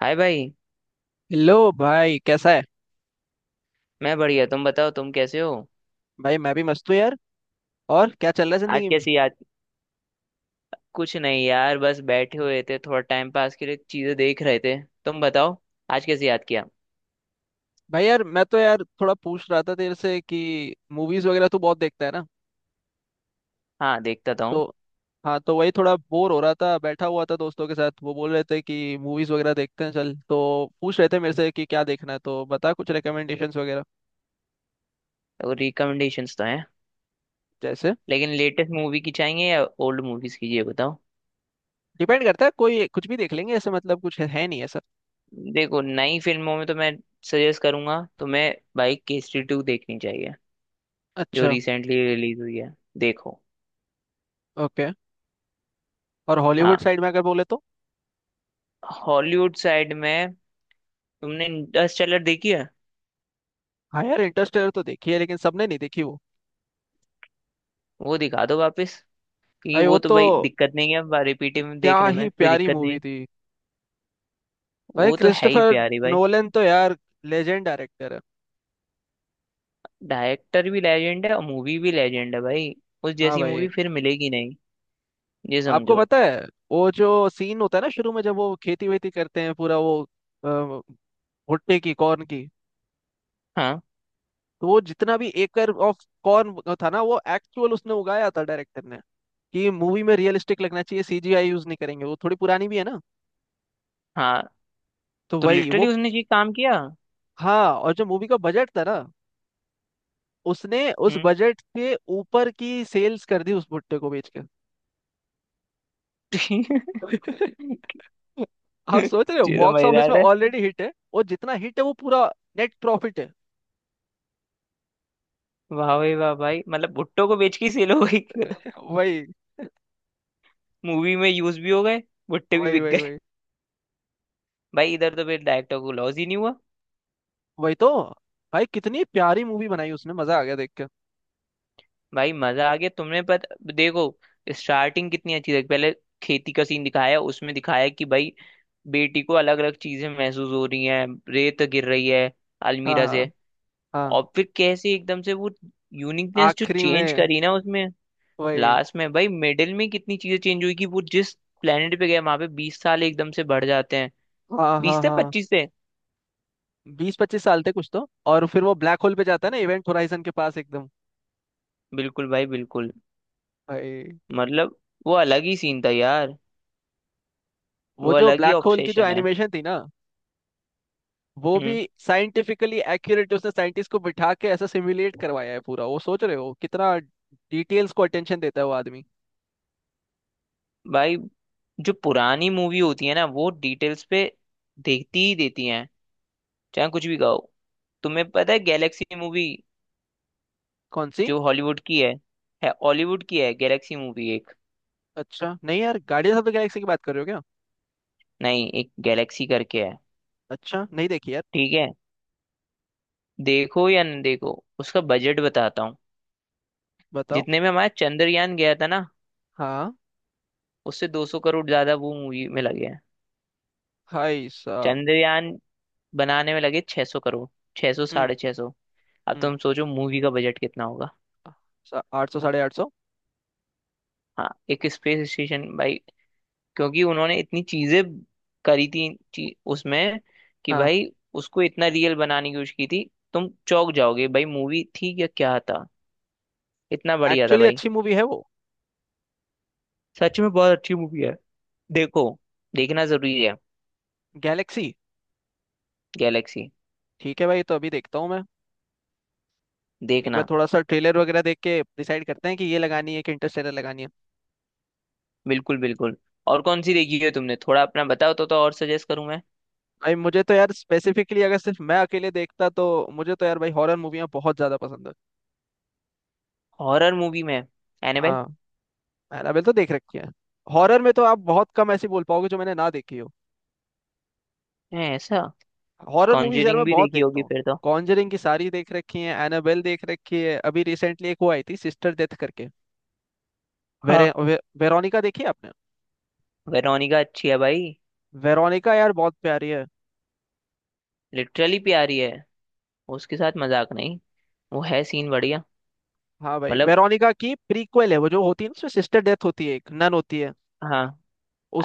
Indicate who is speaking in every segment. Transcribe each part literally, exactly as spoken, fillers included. Speaker 1: हाय भाई।
Speaker 2: हेलो भाई, कैसा है?
Speaker 1: मैं बढ़िया, तुम बताओ तुम कैसे हो।
Speaker 2: भाई मैं भी मस्त हूँ यार। और क्या चल रहा है
Speaker 1: आज
Speaker 2: जिंदगी में?
Speaker 1: कैसी याद। कुछ नहीं यार, बस बैठे हुए थे, थोड़ा टाइम पास के लिए चीजें देख रहे थे। तुम बताओ। आज कैसे याद किया।
Speaker 2: भाई यार, मैं तो यार थोड़ा पूछ रहा था तेरे से कि मूवीज वगैरह तू बहुत देखता है ना।
Speaker 1: हाँ देखता था हूँ।
Speaker 2: तो हाँ, तो वही थोड़ा बोर हो रहा था, बैठा हुआ था दोस्तों के साथ, वो बोल रहे थे कि मूवीज वगैरह देखते हैं चल, तो पूछ रहे थे मेरे से कि क्या देखना है, तो बता कुछ रिकमेंडेशंस वगैरह।
Speaker 1: तो रिकमेंडेशंस तो हैं,
Speaker 2: जैसे?
Speaker 1: लेकिन लेटेस्ट मूवी की चाहिए या ओल्ड मूवीज की ये बताओ।
Speaker 2: डिपेंड करता है, कोई कुछ भी देख लेंगे ऐसे, मतलब कुछ है, है नहीं ऐसा।
Speaker 1: देखो नई फिल्मों में तो मैं सजेस्ट करूंगा तुम्हें, भाई केसरी टू देखनी चाहिए, जो
Speaker 2: अच्छा।
Speaker 1: रिसेंटली रिलीज हुई है। देखो।
Speaker 2: ओके। और हॉलीवुड
Speaker 1: हाँ,
Speaker 2: साइड में अगर बोले तो?
Speaker 1: हॉलीवुड साइड में तुमने इंटरस्टेलर देखी है।
Speaker 2: हाँ यार, इंटरस्टेलर तो देखी है लेकिन सबने नहीं देखी वो।
Speaker 1: वो दिखा दो वापस, क्योंकि
Speaker 2: भाई
Speaker 1: वो
Speaker 2: वो
Speaker 1: तो
Speaker 2: तो
Speaker 1: भाई दिक्कत नहीं है, अब रिपीटिव में
Speaker 2: क्या
Speaker 1: देखने में
Speaker 2: ही
Speaker 1: कोई
Speaker 2: प्यारी
Speaker 1: दिक्कत नहीं
Speaker 2: मूवी
Speaker 1: है।
Speaker 2: थी। भाई
Speaker 1: वो तो है ही
Speaker 2: क्रिस्टोफर
Speaker 1: प्यारी भाई।
Speaker 2: नोलन तो यार लेजेंड डायरेक्टर है।
Speaker 1: डायरेक्टर भी लेजेंड है और मूवी भी लेजेंड है भाई। उस
Speaker 2: हाँ
Speaker 1: जैसी
Speaker 2: भाई।
Speaker 1: मूवी फिर मिलेगी नहीं। ये
Speaker 2: आपको
Speaker 1: समझो।
Speaker 2: पता है, वो जो सीन होता है ना शुरू में जब वो खेती वेती करते हैं पूरा, वो अ, भुट्टे की, कॉर्न की,
Speaker 1: हाँ
Speaker 2: तो वो जितना भी एकर ऑफ कॉर्न था ना, वो एक्चुअल उसने उगाया था डायरेक्टर ने, कि मूवी में रियलिस्टिक लगना चाहिए, सीजीआई यूज नहीं करेंगे। वो थोड़ी पुरानी भी है ना,
Speaker 1: हाँ।
Speaker 2: तो
Speaker 1: तो
Speaker 2: वही वो।
Speaker 1: लिटरली उसने ये काम किया।
Speaker 2: हाँ, और जो मूवी का बजट था ना, उसने उस
Speaker 1: हम्म।
Speaker 2: बजट के ऊपर की सेल्स कर दी उस भुट्टे को बेच के। आप सोच रहे हो
Speaker 1: ये तो
Speaker 2: बॉक्स ऑफिस में
Speaker 1: मजेदार है।
Speaker 2: ऑलरेडी हिट है, और जितना हिट है वो पूरा नेट प्रॉफिट है।
Speaker 1: वाह भाई वाह भाई, मतलब भुट्टो को बेच के सेल हो गई।
Speaker 2: वही
Speaker 1: मूवी में यूज भी हो गए, भुट्टे भी
Speaker 2: वही
Speaker 1: बिक
Speaker 2: वही
Speaker 1: गए।
Speaker 2: वही
Speaker 1: भाई इधर तो फिर डायरेक्टर को लॉस ही नहीं हुआ।
Speaker 2: वही तो। भाई कितनी प्यारी मूवी बनाई उसने, मजा आ गया देख के।
Speaker 1: भाई मजा आ गया तुमने, पता देखो, स्टार्टिंग कितनी अच्छी थी पहले। खेती का सीन दिखाया, उसमें दिखाया कि भाई बेटी को अलग अलग चीजें महसूस हो रही हैं, रेत गिर रही है
Speaker 2: हाँ
Speaker 1: अलमीरा से।
Speaker 2: हाँ हाँ।
Speaker 1: और फिर कैसे एकदम से वो यूनिकनेस जो
Speaker 2: आखिरी
Speaker 1: चेंज
Speaker 2: में
Speaker 1: करी ना उसमें।
Speaker 2: वही।
Speaker 1: लास्ट में भाई, मिडिल में कितनी चीजें चेंज हुई, कि वो जिस प्लेनेट पे गए वहां पे बीस साल एकदम से बढ़ जाते हैं,
Speaker 2: हाँ
Speaker 1: बीस
Speaker 2: हाँ
Speaker 1: से
Speaker 2: हाँ।
Speaker 1: पच्चीस से।
Speaker 2: बीस पच्चीस साल थे कुछ तो, और फिर वो ब्लैक होल पे जाता है ना, इवेंट होराइजन के पास एकदम।
Speaker 1: बिल्कुल भाई बिल्कुल।
Speaker 2: भाई
Speaker 1: मतलब वो अलग ही सीन था यार। वो
Speaker 2: वो जो
Speaker 1: अलग ही
Speaker 2: ब्लैक होल की जो
Speaker 1: ऑब्सेशन है।
Speaker 2: एनिमेशन थी ना, वो भी
Speaker 1: हम्म।
Speaker 2: साइंटिफिकली एक्यूरेट, उसने साइंटिस्ट को बिठा के ऐसा सिमुलेट करवाया है पूरा। वो सोच रहे हो कितना डिटेल्स को अटेंशन देता है वो आदमी।
Speaker 1: भाई जो पुरानी मूवी होती है ना, वो डिटेल्स पे देखती ही देती हैं, चाहे कुछ भी कहो। तुम्हें पता है गैलेक्सी मूवी,
Speaker 2: कौन सी?
Speaker 1: जो हॉलीवुड की है। है हॉलीवुड की है, गैलेक्सी मूवी एक।
Speaker 2: अच्छा, नहीं यार, गार्डियंस ऑफ द गैलेक्सी की बात कर रहे हो क्या?
Speaker 1: नहीं, एक गैलेक्सी करके है।
Speaker 2: अच्छा, नहीं देखी यार।
Speaker 1: ठीक है, देखो या न देखो, उसका बजट बताता हूँ।
Speaker 2: बताओ।
Speaker 1: जितने में हमारा चंद्रयान गया था ना,
Speaker 2: हाँ।
Speaker 1: उससे दो सौ करोड़ ज्यादा वो मूवी में लगे हैं।
Speaker 2: हाय साहब।
Speaker 1: चंद्रयान बनाने में लगे छह सौ करोड़, छह सौ,
Speaker 2: हम्म।
Speaker 1: साढ़े छह सौ। अब
Speaker 2: हम्म।
Speaker 1: तुम सोचो मूवी का बजट कितना होगा।
Speaker 2: सा- आठ सौ, साढ़े आठ सौ।
Speaker 1: हाँ, एक स्पेस स्टेशन भाई। क्योंकि उन्होंने इतनी चीजें करी थी ची, उसमें, कि
Speaker 2: हाँ।
Speaker 1: भाई उसको इतना रियल बनाने की कोशिश की थी। तुम चौंक जाओगे भाई, मूवी थी या क्या था, इतना बढ़िया था
Speaker 2: एक्चुअली
Speaker 1: भाई।
Speaker 2: अच्छी मूवी है वो।
Speaker 1: सच में बहुत अच्छी मूवी है। देखो, देखना जरूरी है।
Speaker 2: गैलेक्सी।
Speaker 1: गैलेक्सी।
Speaker 2: ठीक है भाई, तो अभी देखता हूँ मैं, एक बार
Speaker 1: देखना।
Speaker 2: थोड़ा सा ट्रेलर वगैरह देख के डिसाइड करते हैं कि ये लगानी है कि इंटरस्टेलर लगानी है।
Speaker 1: बिल्कुल बिल्कुल। और कौन सी देखी है तुमने, थोड़ा अपना बताओ तो तो और सजेस्ट करूं मैं।
Speaker 2: भाई मुझे तो यार स्पेसिफिकली अगर सिर्फ मैं अकेले देखता तो मुझे तो यार भाई हॉरर मूवियाँ बहुत ज़्यादा पसंद है।
Speaker 1: हॉरर मूवी में एनाबेल।
Speaker 2: हाँ। एनाबेल तो देख रखी है। हॉरर में तो आप बहुत कम ऐसी बोल पाओगे जो मैंने ना देखी हो।
Speaker 1: है ऐसा।
Speaker 2: हॉरर मूवीज यार मैं
Speaker 1: कॉन्जरिंग भी
Speaker 2: बहुत
Speaker 1: देखी
Speaker 2: देखता
Speaker 1: होगी
Speaker 2: हूँ।
Speaker 1: फिर तो।
Speaker 2: कॉन्जरिंग की सारी देख रखी है, एनाबेल देख रखी है, अभी रिसेंटली एक वो आई थी सिस्टर डेथ करके। वेरे,
Speaker 1: हाँ।
Speaker 2: वे, वेरोनिका देखी है आपने?
Speaker 1: वेरोनिका अच्छी है भाई,
Speaker 2: वेरोनिका यार बहुत प्यारी है।
Speaker 1: लिटरली प्यारी है, उसके साथ मजाक नहीं। वो है सीन बढ़िया।
Speaker 2: हाँ भाई,
Speaker 1: मतलब।
Speaker 2: वेरोनिका की प्रीक्वल है वो जो होती है ना, उसमें सिस्टर डेथ होती है, एक नन होती है,
Speaker 1: हाँ।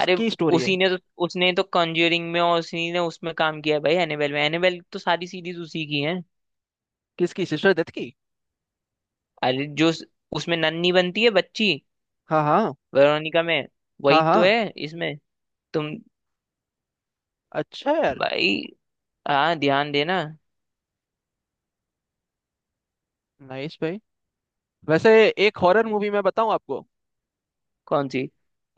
Speaker 1: अरे,
Speaker 2: स्टोरी है।
Speaker 1: उसी ने तो, उसने तो कॉन्ज्यूरिंग में और उसी ने उसमें काम किया है भाई, एनेबेल में, एनेबेल तो सारी सीरीज उसी की है।
Speaker 2: किसकी? सिस्टर डेथ की।
Speaker 1: अरे जो उस- उसमें नन्ही बनती है बच्ची,
Speaker 2: हाँ हाँ।
Speaker 1: वेरोनिका में,
Speaker 2: हाँ
Speaker 1: वही तो
Speaker 2: हाँ।
Speaker 1: है इसमें। तुम।
Speaker 2: अच्छा यार।
Speaker 1: भाई। हाँ ध्यान देना।
Speaker 2: नाइस भाई। वैसे एक हॉरर मूवी मैं बताऊँ आपको?
Speaker 1: कौन सी।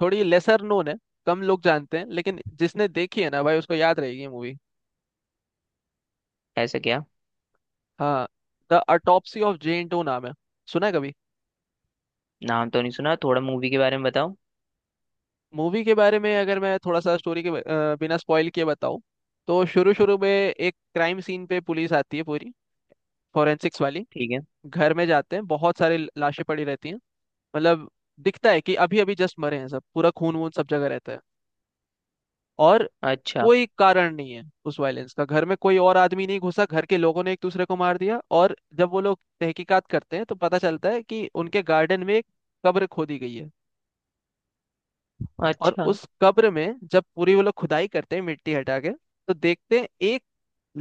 Speaker 2: थोड़ी लेसर नोन है, कम लोग जानते हैं, लेकिन जिसने देखी है ना भाई, उसको याद रहेगी मूवी।
Speaker 1: ऐसा क्या।
Speaker 2: हाँ। The autopsy of Jane Doe नाम है, सुना है कभी?
Speaker 1: नाम तो नहीं सुना, थोड़ा मूवी के बारे में बताओ।
Speaker 2: मूवी के बारे में अगर मैं थोड़ा सा स्टोरी के ब- अ, बिना स्पॉइल किए बताऊं, तो शुरू शुरू में एक क्राइम सीन पे पुलिस आती है पूरी फॉरेंसिक्स वाली,
Speaker 1: ठीक है।
Speaker 2: घर में जाते हैं, बहुत सारी ल- लाशें पड़ी रहती हैं। मतलब दिखता है कि अभी अभी जस्ट मरे हैं सब, पूरा खून वून सब जगह रहता है। और
Speaker 1: अच्छा।
Speaker 2: कोई कारण नहीं है उस वायलेंस का, घर में कोई और आदमी नहीं घुसा, घर के लोगों ने एक दूसरे को मार दिया, और जब वो लोग तहकीकात करते हैं तो पता चलता है कि उनके गार्डन में एक कब्र खोदी गई है। और
Speaker 1: अच्छा।
Speaker 2: उस कब्र में जब पूरी वो लोग खुदाई करते हैं मिट्टी हटा के, तो देखते हैं एक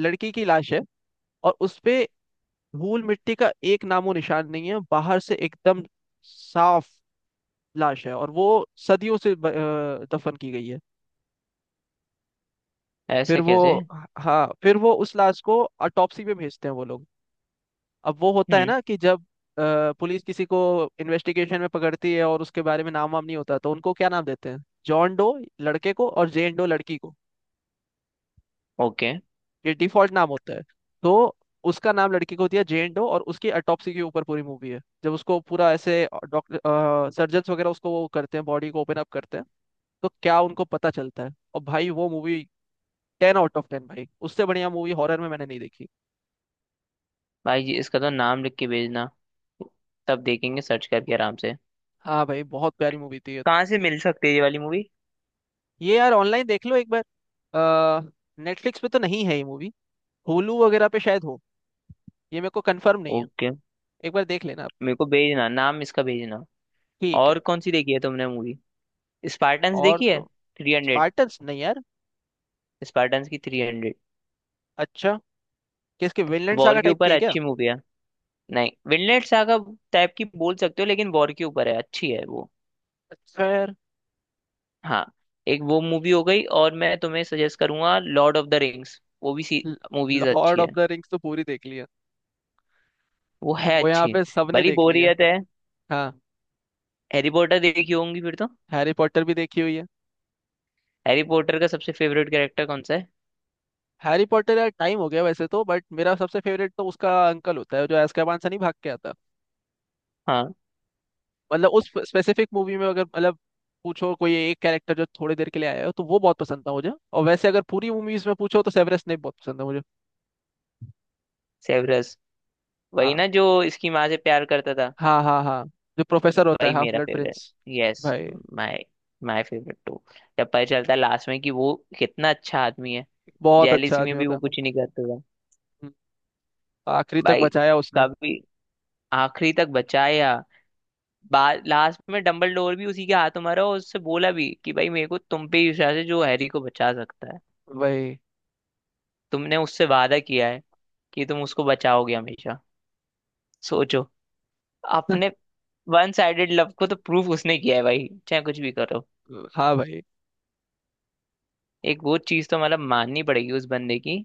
Speaker 2: लड़की की लाश है, और उस पे धूल मिट्टी का एक नामो निशान नहीं है, बाहर से एकदम साफ लाश है, और वो सदियों से ब- अ, दफन की गई है।
Speaker 1: ऐसा
Speaker 2: फिर वो,
Speaker 1: कैसे।
Speaker 2: हाँ फिर वो उस लाश को ऑटोप्सी पे भेजते हैं वो लोग। अब वो होता है
Speaker 1: हम्म।
Speaker 2: ना कि जब अ, पुलिस किसी को इन्वेस्टिगेशन में पकड़ती है और उसके बारे में नाम वाम नहीं होता, तो उनको क्या नाम देते हैं? जॉन डो लड़के को, और जेन डो लड़की को।
Speaker 1: ओके।
Speaker 2: ये डिफॉल्ट नाम होता है। तो उसका नाम लड़की को दिया जेन डो, और उसकी अटॉप्सी के ऊपर पूरी मूवी है। जब उसको पूरा ऐसे डॉक्टर सर्जन्स वगैरह उसको वो करते हैं, बॉडी को ओपन अप करते हैं, तो क्या उनको पता चलता है, और भाई वो movie ten out of ten. भाई उससे बढ़िया मूवी हॉरर में मैंने नहीं देखी।
Speaker 1: भाई जी इसका तो नाम लिख के भेजना, तब देखेंगे सर्च करके आराम से।
Speaker 2: हाँ भाई, बहुत प्यारी मूवी थी ये।
Speaker 1: कहाँ से मिल सकती है ये वाली मूवी।
Speaker 2: ये यार ऑनलाइन देख लो एक बार, नेटफ्लिक्स पे तो नहीं है ये मूवी, होलू वगैरह पे शायद हो, ये मेरे को कंफर्म नहीं है।
Speaker 1: ओके।
Speaker 2: एक बार देख लेना आप।
Speaker 1: मेरे को भेजना, नाम इसका भेजना।
Speaker 2: ठीक
Speaker 1: और
Speaker 2: है।
Speaker 1: कौन सी देखी है तुमने मूवी, स्पार्टन्स
Speaker 2: और
Speaker 1: देखी है,
Speaker 2: तो?
Speaker 1: थ्री हंड्रेड,
Speaker 2: स्पार्टन्स नहीं यार।
Speaker 1: स्पार्टन्स की थ्री हंड्रेड।
Speaker 2: अच्छा, किसके विनलैंड
Speaker 1: वॉर
Speaker 2: सागा
Speaker 1: के
Speaker 2: टाइप की
Speaker 1: ऊपर
Speaker 2: है क्या?
Speaker 1: अच्छी मूवी है। नहीं, विनलेट सागा टाइप की बोल सकते हो, लेकिन वॉर के ऊपर है, अच्छी है वो।
Speaker 2: खैर।
Speaker 1: हाँ। एक वो मूवी हो गई और मैं तुम्हें सजेस्ट करूंगा लॉर्ड ऑफ द रिंग्स, वो भी सी मूवीज
Speaker 2: लॉर्ड
Speaker 1: अच्छी
Speaker 2: ऑफ
Speaker 1: है।
Speaker 2: द रिंग्स तो पूरी देख ली है।
Speaker 1: वो है
Speaker 2: वो यहाँ
Speaker 1: अच्छी।
Speaker 2: पे सबने
Speaker 1: भली
Speaker 2: देख ली है।
Speaker 1: बोरियत है।
Speaker 2: हाँ।
Speaker 1: हैरी पॉटर देखी होंगी फिर तो।
Speaker 2: हैरी पॉटर भी देखी हुई है।
Speaker 1: हैरी पॉटर का सबसे फेवरेट कैरेक्टर कौन सा है।
Speaker 2: हैरी पॉटर यार टाइम हो गया वैसे तो, बट मेरा सबसे फेवरेट तो उसका अंकल होता है जो एazkaban से नहीं भाग के आता।
Speaker 1: हाँ।
Speaker 2: मतलब उस स्पेसिफिक मूवी में अगर, मतलब पूछो कोई एक कैरेक्टर जो थोड़ी देर के लिए आया हो, तो वो बहुत पसंद था मुझे। और वैसे अगर पूरी मूवीज में पूछो तो सेवेरस स्नेप बहुत पसंद है मुझे।
Speaker 1: सेवरस, वही
Speaker 2: हाँ
Speaker 1: ना जो इसकी माँ से प्यार करता था।
Speaker 2: हाँ। हाँ हाँ। जो प्रोफेसर होता है,
Speaker 1: वही
Speaker 2: हाफ
Speaker 1: मेरा
Speaker 2: ब्लड
Speaker 1: फेवरेट।
Speaker 2: प्रिंस।
Speaker 1: यस।
Speaker 2: भाई।
Speaker 1: My my favourite too. जब पता चलता है लास्ट में कि वो कितना अच्छा आदमी है।
Speaker 2: बहुत अच्छा
Speaker 1: जेलिसी में
Speaker 2: आदमी
Speaker 1: भी
Speaker 2: होता
Speaker 1: वो
Speaker 2: है।
Speaker 1: कुछ नहीं करता था।
Speaker 2: हम्म। आखिरी तक
Speaker 1: भाई,
Speaker 2: बचाया उसने।
Speaker 1: कभी। आखिरी तक बचाया। बाद लास्ट में डंबलडोर भी उसी के हाथों मारा, और उससे बोला भी कि भाई मेरे को तुम पे ही विश्वास है, जो हैरी को बचा सकता है।
Speaker 2: वही।
Speaker 1: तुमने उससे वादा किया है कि तुम उसको बचाओगे हमेशा। सोचो, अपने वन साइडेड लव को तो प्रूफ उसने किया है भाई, चाहे कुछ भी करो।
Speaker 2: हाँ भाई।
Speaker 1: एक वो चीज तो मतलब माननी पड़ेगी उस बंदे की,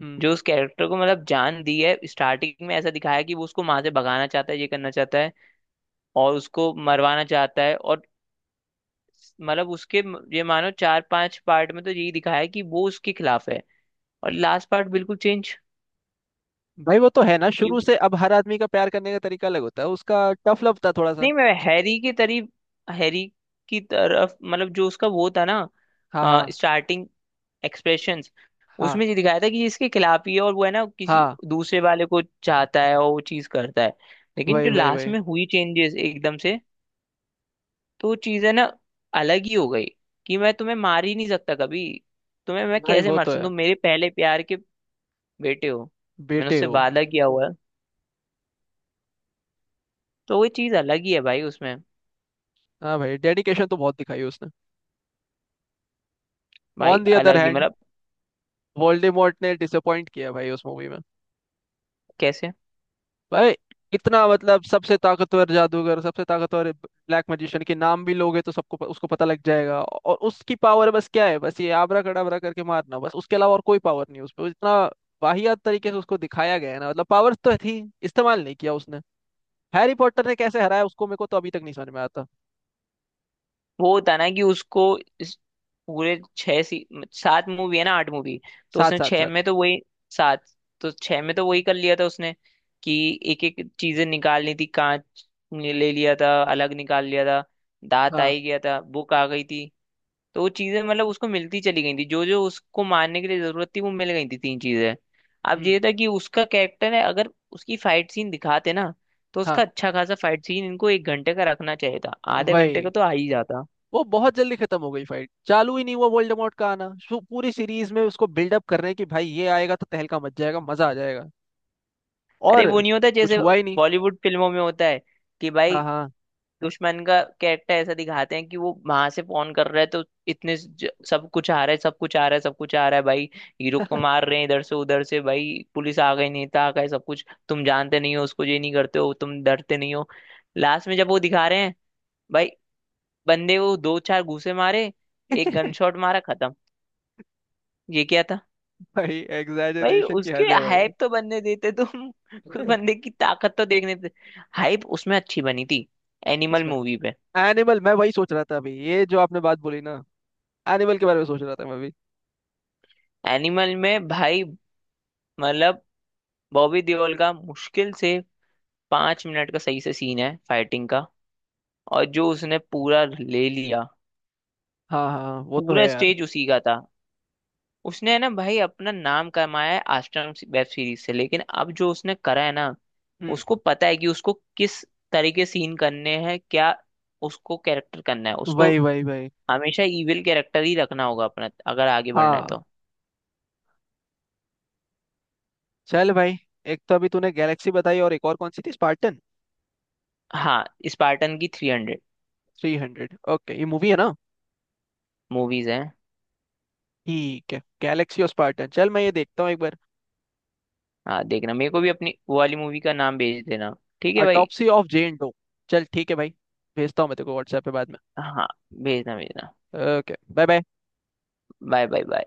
Speaker 2: हम्म।
Speaker 1: जो उस कैरेक्टर को मतलब जान दी है। स्टार्टिंग में ऐसा दिखाया कि वो उसको वहां से भगाना चाहता है, ये करना चाहता है और उसको मरवाना चाहता है। और मतलब उसके म- ये मानो चार पांच पार्ट में तो यही दिखाया है कि वो उसके खिलाफ है, और लास्ट पार्ट बिल्कुल चेंज।
Speaker 2: भाई वो तो है ना, शुरू से अब हर आदमी का प्यार करने का तरीका अलग होता है, उसका टफ लव था थोड़ा सा।
Speaker 1: नहीं, मैं हैरी की तरीफ, हैरी की तरफ, मतलब जो उसका वो था ना,
Speaker 2: हाँ हाँ।
Speaker 1: स्टार्टिंग एक्सप्रेशंस,
Speaker 2: हाँ
Speaker 1: उसमें ये दिखाया था कि ये इसके खिलाफ ही है, और वो है ना किसी
Speaker 2: हाँ।
Speaker 1: दूसरे वाले को चाहता है और वो चीज करता है। लेकिन
Speaker 2: वही
Speaker 1: जो
Speaker 2: वही
Speaker 1: लास्ट
Speaker 2: वही।
Speaker 1: में हुई चेंजेस एकदम से, तो वो चीज है ना, अलग ही हो गई। कि मैं तुम्हें मार ही नहीं सकता कभी, तुम्हें मैं
Speaker 2: भाई
Speaker 1: कैसे
Speaker 2: वो
Speaker 1: मार
Speaker 2: तो
Speaker 1: सकता,
Speaker 2: है।
Speaker 1: तुम मेरे पहले प्यार के बेटे हो, मैंने
Speaker 2: बेटे
Speaker 1: उससे
Speaker 2: हो।
Speaker 1: वादा किया हुआ है। तो वो चीज अलग ही है भाई उसमें।
Speaker 2: हाँ भाई, डेडिकेशन तो बहुत दिखाई उसने।
Speaker 1: भाई
Speaker 2: ऑन द अदर
Speaker 1: अलग ही
Speaker 2: हैंड
Speaker 1: मतलब।
Speaker 2: वोल्डेमॉर्ट ने डिसअपॉइंट किया भाई उस मूवी में।
Speaker 1: कैसे।
Speaker 2: भाई इतना, मतलब सबसे ताकतवर जादूगर, सबसे ताकतवर ब्लैक मैजिशियन के नाम भी लोगे तो सबको प- उसको पता लग जाएगा, और उसकी पावर बस क्या है, बस ये आबरा कड़ाबरा करके मारना बस, उसके अलावा और कोई पावर नहीं। उस पर इतना वाहियात तरीके से उसको दिखाया गया है ना, मतलब पावर तो थी, इस्तेमाल नहीं किया उसने। हैरी पॉटर ने कैसे हराया उसको, मेरे को तो अभी तक नहीं समझ में आता।
Speaker 1: वो होता ना कि उसको इस पूरे छह सी सात मूवी है ना, आठ मूवी। तो
Speaker 2: साथ
Speaker 1: उसने
Speaker 2: साथ
Speaker 1: छह
Speaker 2: साथ।
Speaker 1: में तो वही, सात, तो छह में तो वही कर लिया था उसने। कि एक एक चीजें निकालनी थी, कांच ने ले लिया था, अलग निकाल लिया था, दांत आ
Speaker 2: हाँ।
Speaker 1: ही गया था, बुक आ गई थी। तो वो चीजें मतलब उसको मिलती चली गई थी, जो जो उसको मारने के लिए जरूरत थी वो मिल गई थी, तीन चीजें। अब
Speaker 2: हम्म।
Speaker 1: ये था कि उसका कैरेक्टर है, अगर उसकी फाइट सीन दिखाते ना, तो
Speaker 2: हाँ।
Speaker 1: उसका अच्छा खासा फाइट सीन इनको एक घंटे का रखना चाहिए था, आधे घंटे का
Speaker 2: वही।
Speaker 1: तो आ ही जाता।
Speaker 2: वो बहुत जल्दी खत्म हो गई, फाइट चालू ही नहीं हुआ। वोल्डेमॉर्ट का आना, शु- पूरी सीरीज में उसको बिल्डअप कर रहे हैं कि भाई ये आएगा तो तहलका मच जाएगा, मजा आ जाएगा।
Speaker 1: अरे
Speaker 2: और
Speaker 1: वो नहीं होता
Speaker 2: कुछ
Speaker 1: जैसे
Speaker 2: हुआ ही नहीं।
Speaker 1: बॉलीवुड फिल्मों में होता है कि भाई
Speaker 2: हाँ हाँ।
Speaker 1: दुश्मन का कैरेक्टर ऐसा दिखाते हैं कि वो वहां से फोन कर रहा है, तो इतने ज- सब कुछ आ रहा है, सब कुछ आ रहा है, सब कुछ आ रहा है भाई, हीरो को मार रहे हैं इधर से उधर से, भाई पुलिस आ गई, नेता आ गए, सब कुछ, तुम जानते नहीं हो उसको, ये नहीं करते हो, तुम डरते नहीं हो। लास्ट में जब वो दिखा रहे हैं, भाई बंदे को दो चार घूंसे मारे, एक गन शॉट मारा, खत्म। ये क्या था।
Speaker 2: भाई
Speaker 1: भाई
Speaker 2: एग्जैजरेशन की
Speaker 1: उसके
Speaker 2: हद है भाई।
Speaker 1: हाइप तो बनने देते तुम। उस बंदे की ताकत तो देखने देते, हाइप उसमें अच्छी बनी थी। एनिमल
Speaker 2: इसमें।
Speaker 1: मूवी पे।
Speaker 2: एनिमल, मैं वही सोच रहा था अभी ये जो आपने बात बोली ना, एनिमल के बारे में सोच रहा था मैं अभी।
Speaker 1: एनिमल में भाई मतलब बॉबी देओल का मुश्किल से पांच मिनट का सही से सीन है फाइटिंग का, और जो उसने पूरा ले लिया,
Speaker 2: हाँ हाँ, वो तो है
Speaker 1: पूरा
Speaker 2: यार।
Speaker 1: स्टेज उसी का था। उसने है ना भाई अपना नाम कमाया है आश्रम वेब सीरीज से, लेकिन अब जो उसने करा है ना,
Speaker 2: हम्म।
Speaker 1: उसको पता है कि उसको किस तरीके सीन करने हैं, क्या उसको कैरेक्टर करना है, उसको
Speaker 2: वही वही वही।
Speaker 1: हमेशा इविल कैरेक्टर ही रखना होगा अपना, अगर आगे बढ़ना है
Speaker 2: हाँ।
Speaker 1: तो।
Speaker 2: चल भाई, एक तो अभी तूने गैलेक्सी बताई और एक और कौन सी थी? स्पार्टन?
Speaker 1: हाँ। स्पार्टन की three hundred.
Speaker 2: Three hundred? Okay, ये मूवी है ना?
Speaker 1: मूवीज हैं।
Speaker 2: ठीक है, गैलेक्सी और स्पार्टन, चल मैं ये देखता हूँ एक बार।
Speaker 1: हाँ देखना, मेरे को भी अपनी वो वाली मूवी का नाम भेज देना। ठीक है भाई।
Speaker 2: Autopsy of Jane Doe. चल ठीक है भाई, भेजता हूँ मैं तेरे को व्हाट्सएप पे बाद में।
Speaker 1: हाँ, भेजना भेजना।
Speaker 2: Okay bye bye.
Speaker 1: Bye bye bye.